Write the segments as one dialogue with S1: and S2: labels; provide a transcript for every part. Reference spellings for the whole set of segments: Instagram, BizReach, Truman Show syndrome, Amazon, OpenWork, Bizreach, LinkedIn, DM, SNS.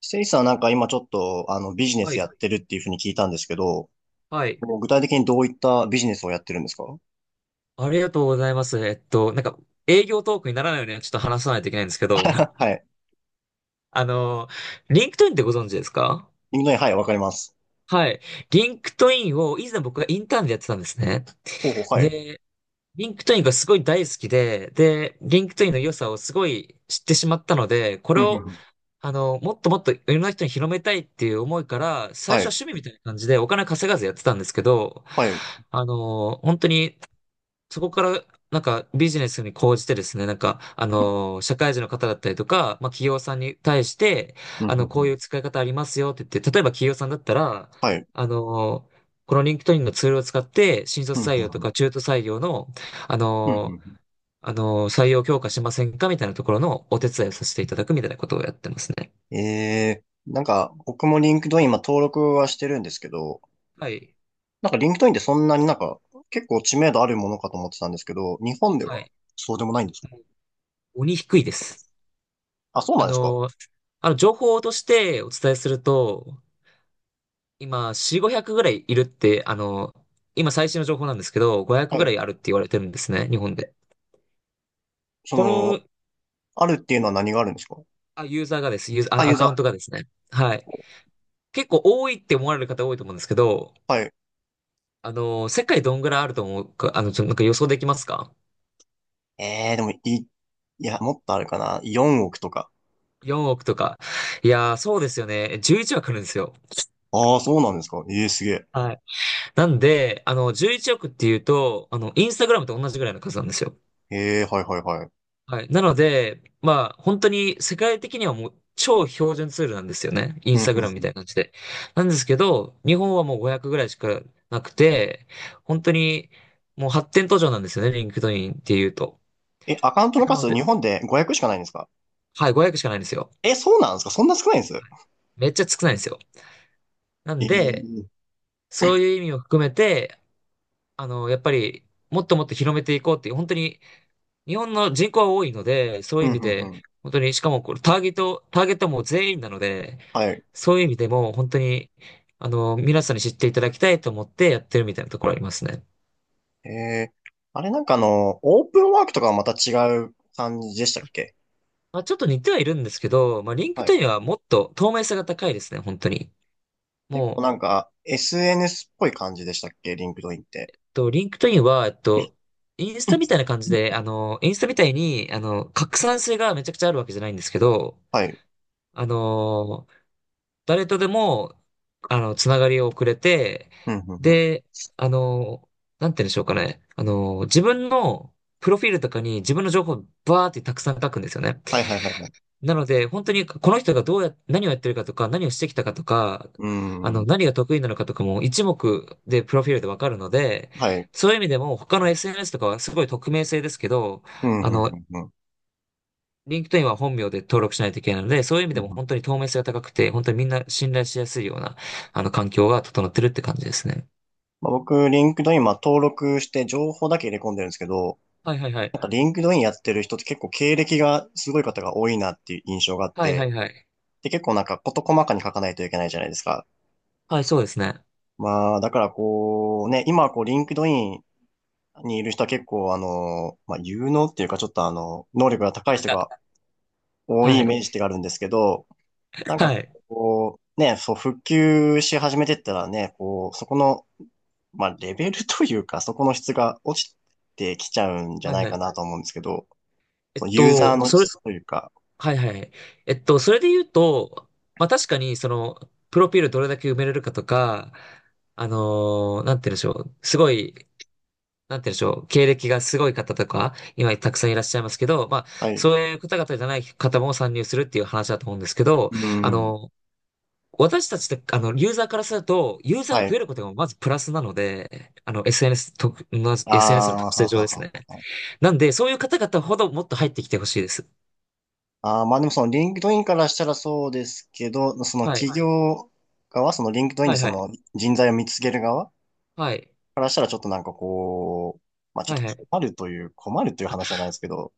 S1: せいさんなんか今ちょっとビジネ
S2: は
S1: スや
S2: い。
S1: ってるっていうふうに聞いたんですけど、
S2: はい。
S1: もう具体的にどういったビジネスをやってるんですか？
S2: ありがとうございます。営業トークにならないようにはちょっと話さないといけないんですけど、
S1: はい。
S2: あの、リンクトインってご存知ですか？
S1: インドネはい、わかります。
S2: はい。リンクトインを以前僕がインターンでやってたんですね。
S1: ほうほう、はい。
S2: で、リンクトインがすごい大好きで、リンクトインの良さをすごい知ってしまったので、こ
S1: ふ
S2: れ
S1: んふん
S2: を、
S1: ふん。
S2: もっともっといろんな人に広めたいっていう思いから、最
S1: は
S2: 初は
S1: い、
S2: 趣味みたいな感じでお金稼がずやってたんですけど、
S1: はい。
S2: 本当にそこから、なんかビジネスに講じてですね、社会人の方だったりとか、まあ企業さんに対して、
S1: ふんふんふ
S2: こうい
S1: ん。
S2: う使い方ありますよって言って、例えば企業さんだったら、
S1: はい。
S2: あのーこのリンクトインのツールを使って、新
S1: ふん
S2: 卒採
S1: ふん
S2: 用と
S1: ふん。
S2: か中途採用の、あ
S1: ふんふ
S2: の
S1: ん
S2: ー
S1: ふ
S2: 採用強化しませんかみたいなところのお手伝いをさせていただくみたいなことをやってますね。
S1: ん。なんか僕もリンクドイン今登録はしてるんですけど、
S2: はい。
S1: なんかリンクドインってそんなになんか結構知名度あるものかと思ってたんですけど、日本で
S2: は
S1: は
S2: い。
S1: そうでもないんですか？
S2: もう鬼低いです。
S1: あ、そうな
S2: あ
S1: んですか？
S2: のー情報としてお伝えすると、今、4、500ぐらいいるって、今最新の情報なんですけど、500
S1: は
S2: ぐら
S1: い。
S2: いあるって言われてるんですね、日本で。
S1: そ
S2: こ
S1: の、
S2: の、
S1: あるっていうのは何があるんですか？
S2: あ、ユーザー、
S1: あ、
S2: あ、
S1: ユー
S2: アカウン
S1: ザ
S2: ト
S1: ー。
S2: がですね。はい。結構多いって思われる方多いと思うんですけど、
S1: はい。
S2: 世界どんぐらいあると思うか、あの、ちょ、なんか予想できますか
S1: ええでも、や、もっとあるかな。4億とか。
S2: ?4 億とか。いやー、そうですよね。11億あるんですよ。
S1: ああ、そうなんですか。ええ、すげえ。
S2: はい。なんで、11億っていうと、インスタグラムと同じぐらいの数なんですよ。
S1: ええ、はいはいはい。
S2: はい。なので、まあ、本当に世界的にはもう超標準ツールなんですよね。イ
S1: う
S2: ン
S1: ん、う
S2: ス
S1: ん、
S2: タグラム
S1: う
S2: みた
S1: ん。
S2: いな感じで。なんですけど、日本はもう500ぐらいしかなくて、本当にもう発展途上なんですよね、リンクドインっていうと。
S1: え、アカウントの
S2: なの
S1: 数、
S2: で、
S1: 日本で500しかないんですか？
S2: はい、500しかないんですよ。
S1: え、そうなんですか？そんな少ないんです？
S2: めっちゃ少ないんですよ。なんで、
S1: ええ。
S2: そういう意味を含めて、やっぱり、もっともっと広めていこうっていう、本当に日本の人口は多いので、そうい
S1: う
S2: う
S1: ん、
S2: 意味
S1: うん、
S2: で、
S1: うん。
S2: 本当に、しかもこれターゲットも全員なので、
S1: はい。
S2: そういう意味でも本当に、皆さんに知っていただきたいと思ってやってるみたいなところありますね。
S1: ええ。あれなんかオープンワークとかはまた違う感じでしたっけ？
S2: まあ、ちょっと似てはいるんですけど、まあ、リンク
S1: は
S2: ト
S1: い。
S2: インはもっと透明性が高いですね、本当に。
S1: 結構
S2: もう、
S1: なんか、SNS っぽい感じでしたっけリンクドインって。
S2: リンクトインは、インスタみたいな感じで、インスタみたいに、拡散性がめちゃくちゃあるわけじゃないんですけど、
S1: はい。
S2: あの誰とでも、つながりをくれて、
S1: うん、うん、うん。
S2: で、あの、なんて言うんでしょうかね。自分のプロフィールとかに自分の情報をバーってたくさん書くんですよね。
S1: はいはいはいはい。
S2: なので、本当にこの人がどうや、何をやってるかとか、何をしてきたかとか、
S1: うーん。
S2: 何が得意なのかとかも一目でプロフィールでわかるので、
S1: はい。
S2: そういう意味でも他の SNS とかはすごい匿名性ですけど、
S1: うん、
S2: あ
S1: う
S2: の、
S1: ん、うん、
S2: リンクトインは本名で登録しないといけないので、そういう意味
S1: う
S2: でも
S1: ん。
S2: 本当に透明性が高くて、本当にみんな信頼しやすいような、環境が整ってるって感じですね。
S1: まあ、僕、リンクドイン、まあ、登録して情報だけ入れ込んでるんですけど、
S2: はいはいは
S1: なん
S2: い。
S1: かリンクドインやってる人って結構経歴がすごい方が多いなっていう印象があっ
S2: はいは
S1: て、
S2: いはい。
S1: で、結構なんか事細かに書かないといけないじゃないですか。
S2: はい、そうですね。
S1: まあ、だからこう、ね、今はこう、リンクドインにいる人は結構まあ、有能っていうかちょっと能力が
S2: あ、
S1: 高い
S2: なん
S1: 人
S2: か、
S1: が多い
S2: は
S1: イ
S2: い。
S1: メージがあるんですけど、なんか
S2: はい。
S1: こう、ね、そう、復旧し始めてったらね、こう、そこのまあ、レベルというか、そこの質が落ちてきちゃうんじゃ
S2: はい
S1: ない
S2: は
S1: か
S2: い。
S1: なと思うんですけど、
S2: え
S1: そ
S2: っ
S1: のユーザー
S2: と、
S1: の
S2: それ、
S1: 質というか、
S2: はいはい。それで言うと、まあ確かに、その、プロフィールどれだけ埋めれるかとか、なんて言うんでしょう。すごいなんて言うんでしょう、経歴がすごい方とか、今たくさんいらっしゃいますけど、まあ、
S1: はい。
S2: そういう方々じゃない方も参入するっていう話だと思うんですけど、
S1: う
S2: あ
S1: ん。
S2: の、私たちって、ユーザーからすると、ユーザーが
S1: はい。
S2: 増えることがまずプラスなので、の
S1: あ
S2: SNS の
S1: あ、は
S2: 特性
S1: は
S2: 上です
S1: は
S2: ね。
S1: は。
S2: なんで、そういう方々ほどもっと入ってきてほしいです。
S1: ああ、まあでもそのリンクドインからしたらそうですけど、その
S2: はい。
S1: 企業側、そのリンクドイン
S2: は
S1: で
S2: い
S1: そ
S2: はい。
S1: の人材を見つける側
S2: はい。
S1: からしたらちょっとなんかこう、まあちょ
S2: は
S1: っ
S2: いは
S1: と
S2: い。
S1: 困るという話じゃないですけど、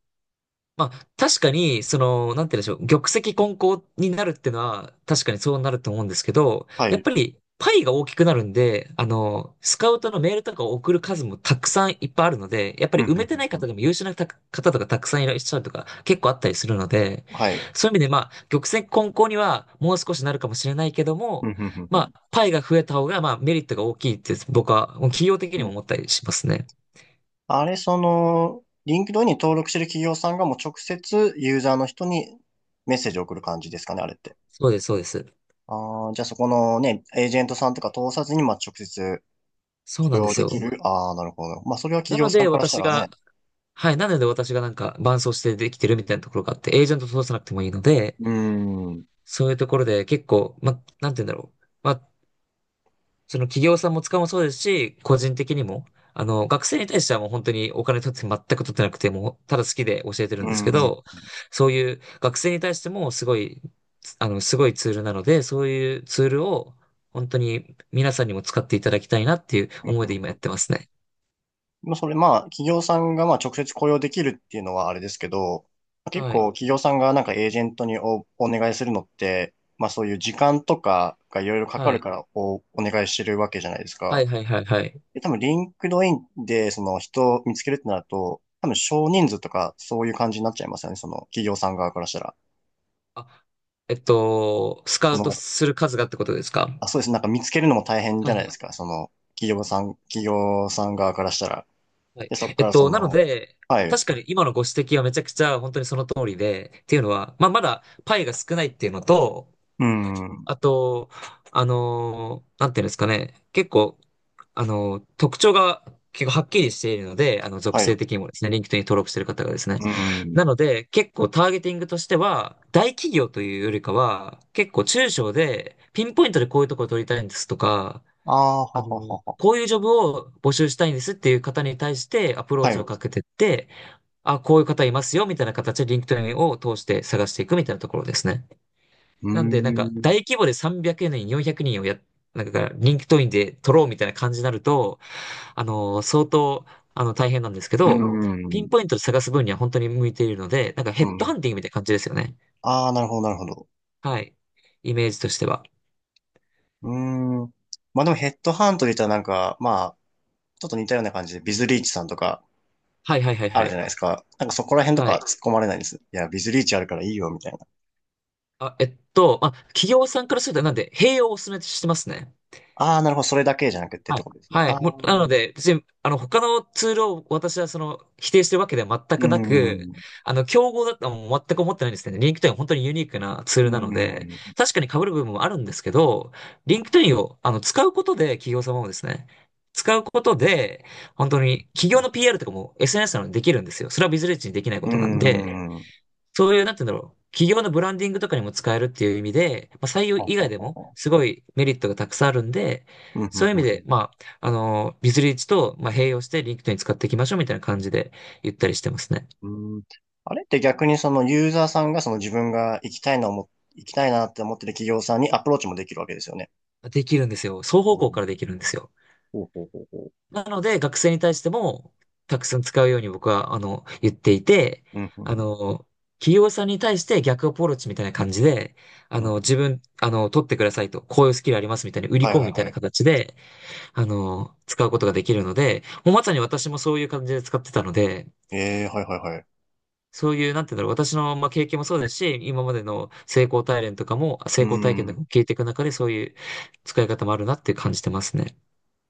S2: まあ、確かに、その、なんて言うんでしょう、玉石混交になるってのは、確かにそうなると思うんですけど、
S1: は
S2: やっ
S1: い。
S2: ぱり、パイが大きくなるんで、スカウトのメールとかを送る数もたくさんいっぱいあるので、やっぱ
S1: うん、
S2: り
S1: う
S2: 埋めてな
S1: ん、
S2: い
S1: うんう
S2: 方
S1: ん。
S2: でも優秀なた方とかたくさんいらっしゃるとか結構あったりするので、
S1: はい。
S2: そういう意味でまあ、玉石混交にはもう少しなるかもしれないけど
S1: うん、
S2: も、
S1: うん、うん、
S2: まあ、パイが増えた方がまあメリットが大きいって僕は企業的
S1: う
S2: にも
S1: ん。
S2: 思ったりしますね。
S1: あれ、その、リンクドインに登録してる企業さんがもう直接ユーザーの人にメッセージを送る感じですかね、あれって。
S2: そうです、そうです。
S1: ああ、じゃあそこのね、エージェントさんとか通さずに、まあ、直接
S2: そう
S1: 雇
S2: なんで
S1: 用
S2: す
S1: でき
S2: よ。
S1: る。ああ、なるほど。まあ、それは
S2: な
S1: 企業
S2: の
S1: さん
S2: で
S1: からした
S2: 私
S1: らね。
S2: が、はい。なので私がなんか伴走してできてるみたいなところがあって、エージェント通さなくてもいいので、
S1: うーん。う
S2: そういうところで結構、ま、なんて言うんだろう。まあ、その企業さんも使うもそうですし、個人的にも、学生に対してはもう本当にお金取って全く取ってなくてもう、ただ好きで教えてる
S1: ー
S2: んですけ
S1: ん。
S2: ど、そういう学生に対してもすごいツールなので、そういうツールを本当に皆さんにも使っていただきたいなっていう思いで今やってますね。
S1: まあ、それ、まあ、企業さんがまあ直接雇用できるっていうのはあれですけど、結
S2: はい。
S1: 構企業さんがなんかエージェントにお願いするのって、まあそういう時間とかがいろいろかか
S2: は
S1: る
S2: い。
S1: からお願いしてるわけじゃないです
S2: は
S1: か。
S2: いはいはいはい。
S1: で、多分、リンクドインで、その人を見つけるってなると、多分、少人数とか、そういう感じになっちゃいますよね。その、企業さん側からしたら。
S2: スカウ
S1: そ
S2: ト
S1: の、
S2: する数がってことですか？
S1: あ、そうです。なんか見つけるのも大変じ
S2: は
S1: ゃ
S2: い
S1: ない
S2: は
S1: で
S2: い。
S1: すか。その、企業さん側からしたら。
S2: はい。
S1: で、そこからそ
S2: なの
S1: の、
S2: で、
S1: はい。
S2: 確かに今のご指摘はめちゃくちゃ本当にその通りで、っていうのは、まあ、まだパイが少ないっていうのと、
S1: うん。
S2: あと、なんていうんですかね、結構、特徴が結構はっきりしているので、属
S1: はい。
S2: 性
S1: う
S2: 的にもですね、リンクトインに登録している方がですね。
S1: ん。
S2: なので、結構ターゲティングとしては、大企業というよりかは、結構中小で、ピンポイントでこういうところを取りたいんですとか、
S1: ああ、はははは。
S2: こういうジョブを募集したいんですっていう方に対してアプロー
S1: はい。
S2: チを
S1: う
S2: かけてって、あ、こういう方いますよみたいな形で LinkedIn を通して探していくみたいなところですね。
S1: ー
S2: なんで、なんか
S1: ん。
S2: 大規模で300人、400人をなんか LinkedIn で取ろうみたいな感じになると、相当、大変なんですけ
S1: う、なるほ
S2: ど、
S1: ど。
S2: ピン
S1: ん。
S2: ポイントで探す分には本当に向いているので、なんかヘ
S1: う
S2: ッドハ
S1: ん。
S2: ンティングみたいな感じですよね。
S1: ああ、なるほど、なるほど。
S2: はい。イメージとしては。
S1: うーん。まあでもヘッドハントで言ったらなんか、まあ、ちょっと似たような感じで、ビズリーチさんとか、
S2: はいはいはい
S1: あ
S2: は
S1: るじゃな
S2: い。
S1: いですか。なんかそこら辺とか
S2: は
S1: 突っ
S2: い。
S1: 込まれないんです。いや、ビズリーチあるからいいよ、みたいな。
S2: 企業さんからすると、なんで、併用をお勧めしてますね。
S1: ああ、なるほど、それだけじゃなくてっ
S2: は
S1: て
S2: い。
S1: ことですね。
S2: は
S1: あ
S2: い。
S1: あ、
S2: も
S1: う
S2: う、なの
S1: ん、
S2: で、別に、他のツールを私は、否定してるわけでは全
S1: う
S2: くなく、
S1: ん、
S2: 競合だとはもう全く思ってないんですけど、リンクトインは本当にユニークなツールなので、確かに被る部分もあるんですけど、リンクトインを、使うことで、企業様もですね、使うことで、本当に、企業の PR とかも SNS なのでできるんですよ。それはビズレッジにできないこ
S1: う
S2: となんで、
S1: ん。
S2: そういう、なんて言うんだろう。企業のブランディングとかにも使えるっていう意味で、まあ、採用
S1: ほう
S2: 以
S1: ほ
S2: 外
S1: う
S2: で
S1: ほう
S2: も
S1: ほ
S2: すごいメリットがたくさんあるんで、
S1: う。うん、
S2: そういう意
S1: う
S2: 味で、
S1: ん、
S2: まあ、ビズリーチと、まあ、併用してリンクトイン使っていきましょうみたいな感じで言ったりしてますね。
S1: うん。うん。あれって逆にそのユーザーさんがその自分が行きたいな思っ、行きたいなって思ってる企業さんにアプローチもできるわけですよね。
S2: できるんですよ。双方
S1: う
S2: 向から
S1: ん
S2: できるんですよ。
S1: ほうほうほうほう。
S2: なので、学生に対しても、たくさん使うように僕は、言っていて、
S1: うん、うん、
S2: あ
S1: う
S2: の、企業さんに対して逆アプローチみたいな感じで、
S1: ん。うん
S2: 自分、取ってくださいと、こういうスキルありますみたいに売り
S1: はい
S2: 込
S1: は
S2: む
S1: い
S2: みたい
S1: は
S2: な
S1: い。
S2: 形で、使うことができるので、もうまさに私もそういう感じで使ってたので、
S1: ええ、はいはいはい。
S2: そういう、なんていうんだろう、私の、まあ、経験もそうですし、今までの成功体験とかも、成
S1: う
S2: 功体験と
S1: ん。
S2: かも聞いていく中で、そういう使い方もあるなって感じてますね。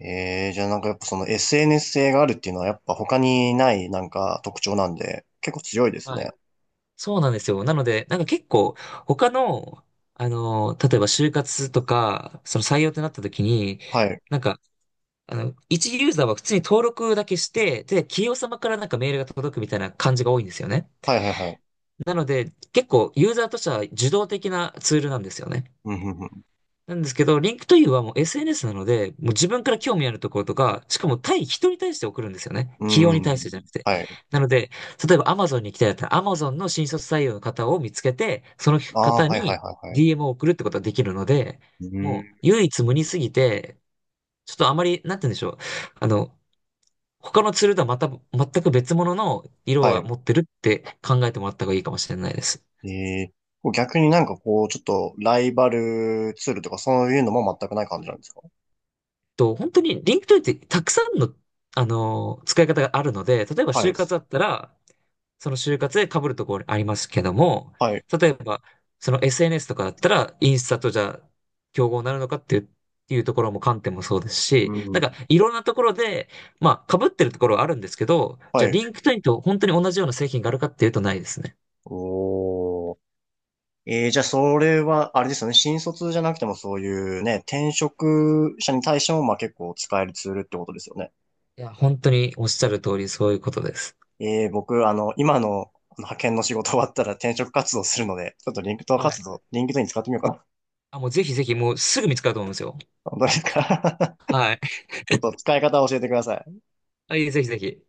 S1: ええ、じゃあなんかやっぱその SNS 性があるっていうのはやっぱ他にないなんか特徴なんで、結構強いです
S2: は
S1: ね。
S2: い。そうなんですよ。なので、なんか結構、他の、例えば就活とか、その採用ってなった時に、
S1: はい。
S2: なんか、一ユーザーは普通に登録だけして、で、企業様からなんかメールが届くみたいな感じが多いんですよね。
S1: はいはいはい。
S2: なので、結構ユーザーとしては受動的なツールなんですよね。
S1: うん、うん、
S2: なんですけど、リンクト u はもう SNS なので、もう自分から興味あるところとか、しかも対人に対して送るんですよね。
S1: う
S2: 企業に
S1: ん。う
S2: 対
S1: ん。
S2: してじゃなくて。
S1: はい。
S2: なので、例えば Amazon に行きたいだったら、Amazon の新卒採用の方を見つけて、その
S1: ああ
S2: 方
S1: ー、はいはい
S2: に
S1: はいはい。
S2: DM を送るってことができるので、
S1: う
S2: もう
S1: ん。
S2: 唯一無二すぎて、ちょっとあまり、なんて言うんでしょう。あの、他のツールとはまた、全く別物の色
S1: は
S2: を
S1: い。
S2: 持ってるって考えてもらった方がいいかもしれないです。
S1: ええ、こう逆になんかこう、ちょっとライバルツールとかそういうのも全くない感じなんですか？
S2: と、本当に LinkedIn ってたくさんの、使い方があるので、例えば
S1: は
S2: 就
S1: い。
S2: 活だったら、その就活で被るところありますけども、
S1: はい。
S2: 例えば、その SNS とかだったら、インスタとじゃあ、競合になるのかっていう、っていうところも観点もそうです
S1: う
S2: し、なんか
S1: ん。
S2: いろんなところで、まあ被ってるところはあるんですけど、じ
S1: は
S2: ゃあ
S1: い。
S2: LinkedIn と本当に同じような製品があるかっていうとないですね。
S1: おー。えー、じゃあそれは、あれですよね。新卒じゃなくてもそういうね、転職者に対してもまあ結構使えるツールってことですよね。
S2: いや、本当におっしゃる通りそういうことです。
S1: ええ、僕、今のの派遣の仕事終わったら転職活動するので、ちょっと
S2: はい。
S1: リンクトイン使ってみようかな。
S2: あ、もうぜひぜひ、もうすぐ見つかると思うんですよ。
S1: 本当ですか？ ち
S2: はい。
S1: ょっと使い方を教えてください。
S2: はいぜひぜひ。